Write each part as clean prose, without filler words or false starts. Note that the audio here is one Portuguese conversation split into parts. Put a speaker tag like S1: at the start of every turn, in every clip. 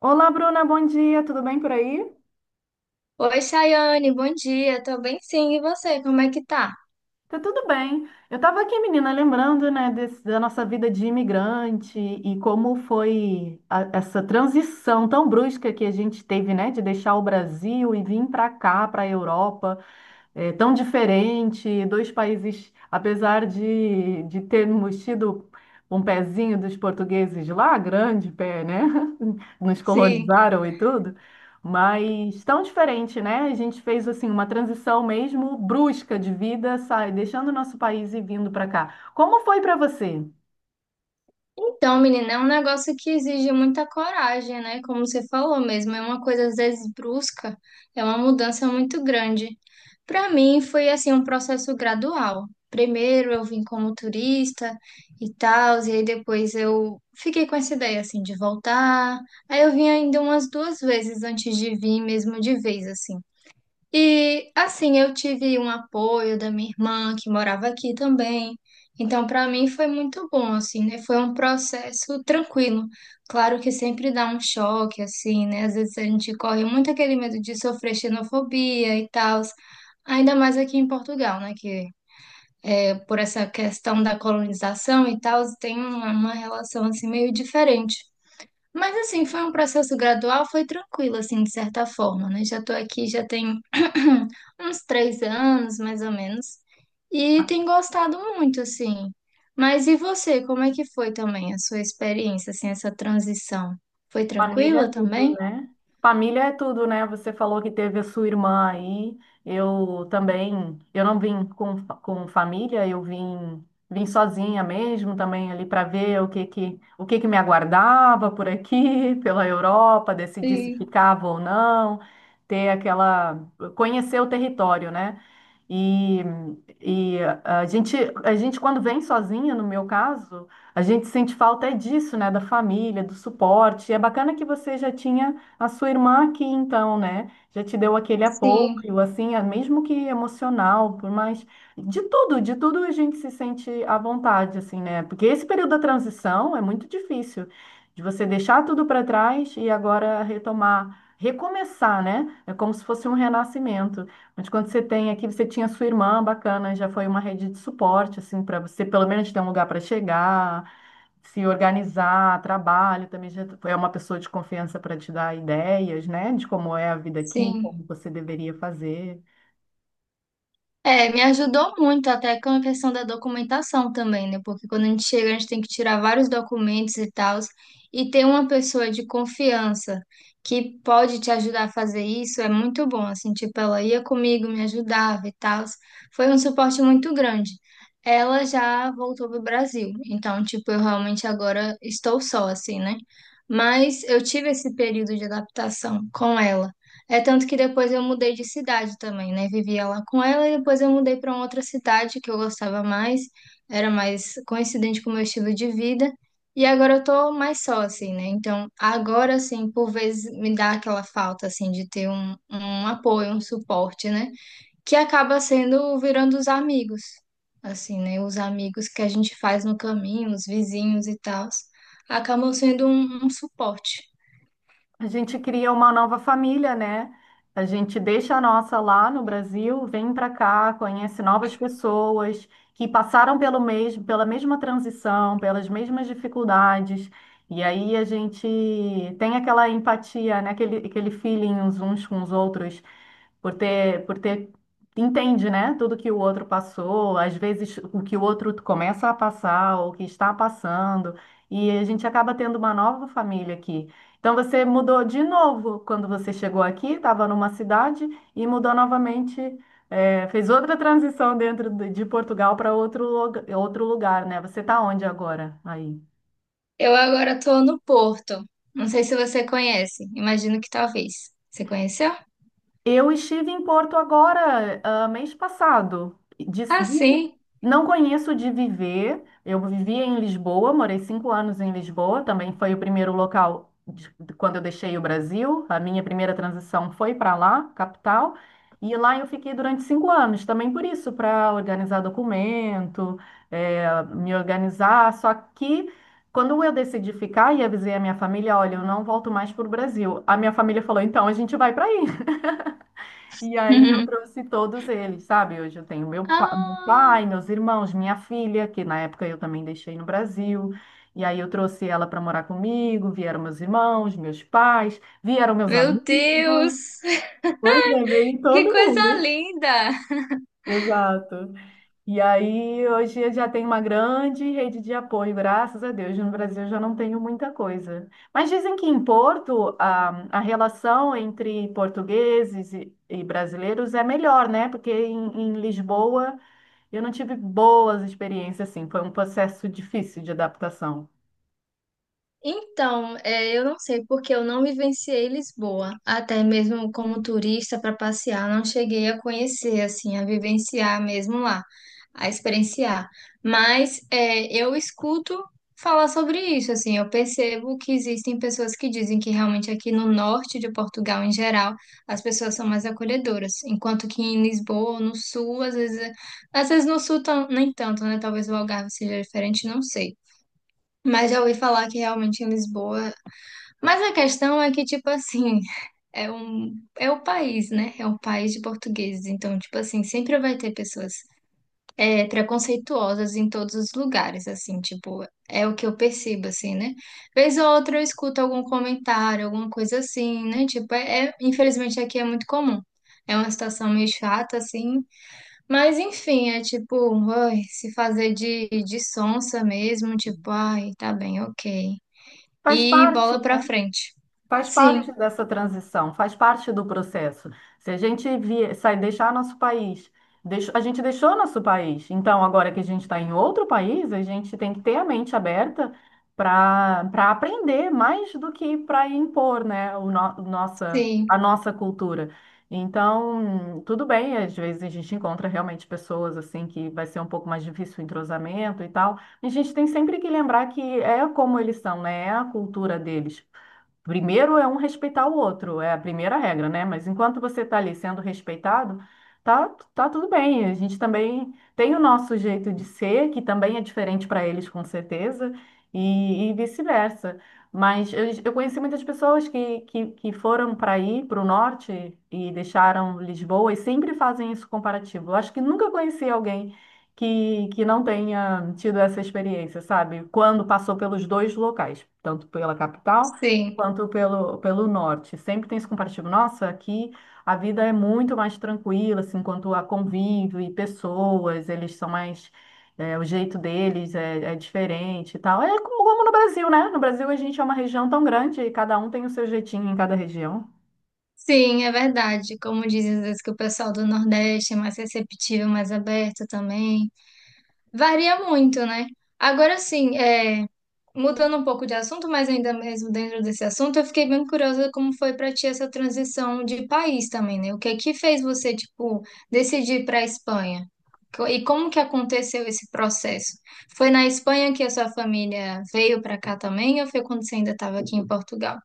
S1: Olá, Bruna, bom dia, tudo bem por aí?
S2: Oi, Chayane, bom dia. Tô bem sim, e você, como é que tá?
S1: Tá tudo bem. Eu estava aqui, menina, lembrando, né, da nossa vida de imigrante e como foi essa transição tão brusca que a gente teve, né, de deixar o Brasil e vir para cá, para a Europa. É, tão diferente, dois países, apesar de termos tido um pezinho dos portugueses lá, grande pé, né? Nos
S2: Sim.
S1: colonizaram e tudo, mas tão diferente, né? A gente fez assim uma transição mesmo brusca de vida, sai, deixando o nosso país e vindo para cá. Como foi para você?
S2: Então, menina, é um negócio que exige muita coragem, né? Como você falou mesmo, é uma coisa às vezes brusca, é uma mudança muito grande. Para mim foi assim um processo gradual. Primeiro eu vim como turista e tal, e aí depois eu fiquei com essa ideia assim de voltar. Aí eu vim ainda umas 2 vezes antes de vir mesmo de vez assim. E assim, eu tive um apoio da minha irmã que morava aqui também. Então, para mim foi muito bom, assim, né? Foi um processo tranquilo. Claro que sempre dá um choque, assim, né? Às vezes a gente corre muito aquele medo de sofrer xenofobia e tal. Ainda mais aqui em Portugal, né? Que por essa questão da colonização e tal, tem uma relação assim meio diferente. Mas assim, foi um processo gradual, foi tranquilo, assim, de certa forma, né? Já tô aqui, já tem uns 3 anos, mais ou menos, e tenho gostado muito, assim. Mas e você, como é que foi também a sua experiência, assim, essa transição? Foi
S1: Família é
S2: tranquila
S1: tudo,
S2: também?
S1: né? Família é tudo, né? Você falou que teve a sua irmã aí. Eu também, eu não vim com família, eu vim sozinha mesmo também ali para ver o que que me aguardava por aqui, pela Europa, decidir se
S2: Sim.
S1: ficava ou não, ter aquela conhecer o território, né? E, e a gente, quando vem sozinha, no meu caso, a gente sente falta é disso, né? Da família, do suporte. E é bacana que você já tinha a sua irmã aqui, então, né? Já te deu aquele
S2: Sim,
S1: apoio, assim, é mesmo que emocional, por mais. De tudo a gente se sente à vontade, assim, né? Porque esse período da transição é muito difícil, de você deixar tudo para trás e agora retomar, recomeçar, né? É como se fosse um renascimento. Mas quando você tem aqui, você tinha sua irmã, bacana, já foi uma rede de suporte, assim, para você pelo menos ter um lugar para chegar, se organizar, trabalho, também já é uma pessoa de confiança para te dar ideias, né, de como é a vida aqui,
S2: sim.
S1: como você deveria fazer.
S2: É, me ajudou muito até com a questão da documentação também, né? Porque quando a gente chega, a gente tem que tirar vários documentos e tal, e ter uma pessoa de confiança que pode te ajudar a fazer isso é muito bom, assim, tipo, ela ia comigo, me ajudava e tal. Foi um suporte muito grande. Ela já voltou pro Brasil, então, tipo, eu realmente agora estou só, assim, né? Mas eu tive esse período de adaptação com ela. É tanto que depois eu mudei de cidade também, né? Vivia lá com ela e depois eu mudei para outra cidade que eu gostava mais, era mais coincidente com o meu estilo de vida. E agora eu tô mais só, assim, né? Então, agora, assim, por vezes me dá aquela falta, assim, de ter um apoio, um suporte, né? Que acaba sendo virando os amigos, assim, né? Os amigos que a gente faz no caminho, os vizinhos e tal, acabam sendo um suporte.
S1: A gente cria uma nova família, né? A gente deixa a nossa lá no Brasil, vem para cá, conhece novas pessoas que passaram pelo mesmo, pela mesma transição, pelas mesmas dificuldades. E aí a gente tem aquela empatia, né? Aquele feeling uns com os outros por ter, por ter, entende, né? Tudo que o outro passou, às vezes o que o outro começa a passar, o que está passando, e a gente acaba tendo uma nova família aqui. Então você mudou de novo quando você chegou aqui, estava numa cidade e mudou novamente, fez outra transição dentro de Portugal para outro lugar, né? Você está onde agora aí?
S2: Eu agora tô no Porto. Não sei se você conhece. Imagino que talvez. Você conheceu?
S1: Eu estive em Porto agora, mês passado.
S2: Ah, sim.
S1: Não conheço de viver. Eu vivia em Lisboa, morei 5 anos em Lisboa. Também foi o primeiro local de quando eu deixei o Brasil. A minha primeira transição foi para lá, capital. E lá eu fiquei durante 5 anos, também por isso, para organizar documento, me organizar. Só que quando eu decidi ficar e avisei a minha família, olha, eu não volto mais para o Brasil. A minha família falou, então a gente vai para e aí eu trouxe todos eles, sabe? Hoje eu tenho meu
S2: Ah,
S1: pai, meus irmãos, minha filha, que na época eu também deixei no Brasil. E aí eu trouxe ela para morar comigo, vieram meus irmãos, meus pais, vieram meus amigos.
S2: meu Deus!
S1: Pois é, veio
S2: Que
S1: todo
S2: coisa
S1: mundo.
S2: linda!
S1: Exato. E aí, hoje eu já tenho uma grande rede de apoio, graças a Deus. No Brasil eu já não tenho muita coisa. Mas dizem que em Porto a relação entre portugueses e brasileiros é melhor, né? Porque em Lisboa eu não tive boas experiências, assim. Foi um processo difícil de adaptação.
S2: Então, é, eu não sei porque eu não vivenciei Lisboa, até mesmo como turista para passear, não cheguei a conhecer, assim, a vivenciar mesmo lá, a experienciar. Mas é, eu escuto falar sobre isso, assim, eu percebo que existem pessoas que dizem que realmente aqui no norte de Portugal, em geral, as pessoas são mais acolhedoras, enquanto que em Lisboa, no sul, às vezes no sul nem tanto, né? Talvez o Algarve seja diferente, não sei. Mas já ouvi falar que realmente em Lisboa. Mas a questão é que, tipo assim, é um, é o país, né? É um país de portugueses. Então, tipo assim, sempre vai ter pessoas preconceituosas em todos os lugares, assim, tipo, é o que eu percebo, assim, né? Vez ou outra eu escuto algum comentário, alguma coisa assim, né? Tipo, infelizmente aqui é muito comum. É uma situação meio chata, assim. Mas, enfim, é tipo, ai, se fazer de sonsa mesmo, tipo, ai, tá bem, ok.
S1: Faz
S2: E
S1: parte.
S2: bola pra frente.
S1: Faz
S2: Sim,
S1: parte dessa transição, faz parte do processo. Se a gente vier, sai deixar nosso país, a gente deixou nosso país. Então, agora que a gente está em outro país, a gente tem que ter a mente aberta para aprender mais do que para impor, né, o no- nossa, a
S2: sim,
S1: nossa cultura. Então, tudo bem, às vezes a gente encontra realmente pessoas assim que vai ser um pouco mais difícil o entrosamento e tal. A gente tem sempre que lembrar que é como eles são, né? É a cultura deles. Primeiro é um respeitar o outro, é a primeira regra, né? Mas enquanto você está ali sendo respeitado, tá, tá tudo bem. A gente também tem o nosso jeito de ser, que também é diferente para eles, com certeza, e vice-versa. Mas eu conheci muitas pessoas que foram para aí, para o norte, e deixaram Lisboa, e sempre fazem esse comparativo. Eu acho que nunca conheci alguém que não tenha tido essa experiência, sabe? Quando passou pelos dois locais, tanto pela capital
S2: sim.
S1: quanto pelo norte. Sempre tem esse comparativo. Nossa, aqui a vida é muito mais tranquila, assim, quanto a convívio e pessoas, eles são mais. O jeito deles é diferente e tal. É como no Brasil, né? No Brasil a gente é uma região tão grande e cada um tem o seu jeitinho em cada região.
S2: Sim, é verdade. Como dizem às vezes que o pessoal do Nordeste é mais receptivo, mais aberto também. Varia muito, né? Agora sim, é, mudando um pouco de assunto, mas ainda mesmo dentro desse assunto, eu fiquei bem curiosa como foi para ti essa transição de país também, né? O que é que fez você, tipo, decidir para a Espanha? E como que aconteceu esse processo? Foi na Espanha que a sua família veio para cá também, ou foi quando você ainda estava aqui em Portugal?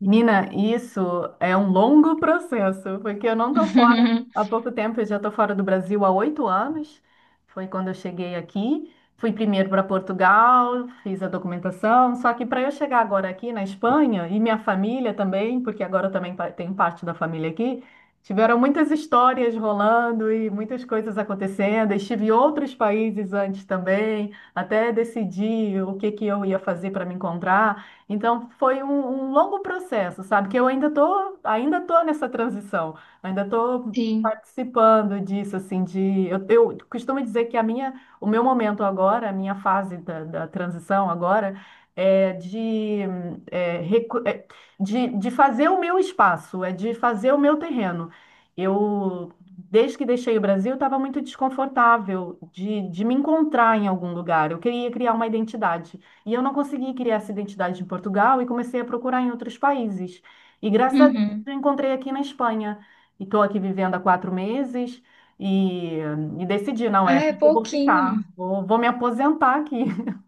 S1: Menina, isso é um longo processo, porque eu não tô fora há pouco tempo, eu já tô fora do Brasil há 8 anos. Foi quando eu cheguei aqui. Fui primeiro para Portugal, fiz a documentação. Só que para eu chegar agora aqui na Espanha, e minha família também, porque agora eu também tenho parte da família aqui, tiveram muitas histórias rolando e muitas coisas acontecendo. Estive em outros países antes também, até decidir o que que eu ia fazer para me encontrar. Então foi um longo processo, sabe? Que eu ainda tô nessa transição, ainda tô
S2: Sim.
S1: participando disso, assim, de eu costumo dizer que a minha, o meu momento agora, a minha fase da transição agora é é, recu- é de fazer o meu espaço, é de fazer o meu terreno. Eu Desde que deixei o Brasil, estava muito desconfortável de me encontrar em algum lugar. Eu queria criar uma identidade. E eu não consegui criar essa identidade em Portugal e comecei a procurar em outros países. E graças a Deus
S2: Uhum.
S1: eu encontrei aqui na Espanha. E estou aqui vivendo há 4 meses e, e decidi, não
S2: Ah,
S1: é
S2: é
S1: aqui que eu vou
S2: pouquinho.
S1: ficar. Vou me aposentar aqui.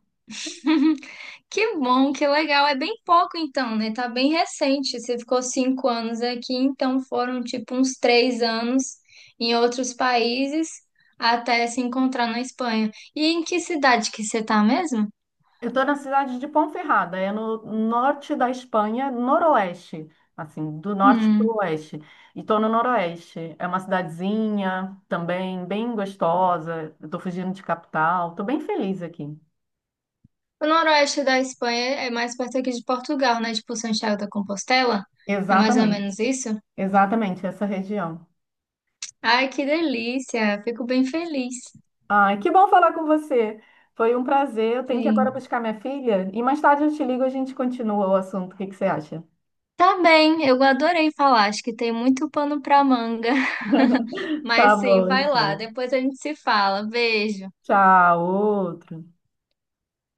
S2: Que bom, que legal. É bem pouco então, né? Tá bem recente. Você ficou 5 anos aqui, então foram tipo uns 3 anos em outros países até se encontrar na Espanha. E em que cidade que você tá mesmo?
S1: Eu estou na cidade de Ponferrada, é no norte da Espanha, noroeste. Assim, do norte para o
S2: Hum.
S1: oeste. E estou no noroeste. É uma cidadezinha também bem gostosa. Estou fugindo de capital. Estou bem feliz aqui.
S2: O noroeste da Espanha é mais perto aqui de Portugal, né? Tipo Santiago da Compostela. É mais ou
S1: Exatamente.
S2: menos isso?
S1: Exatamente, essa região.
S2: Ai, que delícia! Fico bem feliz.
S1: Ai, que bom falar com você. Foi um prazer. Eu tenho que agora
S2: Sim.
S1: buscar minha filha e mais tarde eu te ligo e a gente continua o assunto. O que que você acha?
S2: Tá bem, eu adorei falar, acho que tem muito pano pra manga.
S1: Tá
S2: Mas sim,
S1: bom,
S2: vai lá,
S1: então.
S2: depois a gente se fala. Beijo.
S1: Tchau, outro.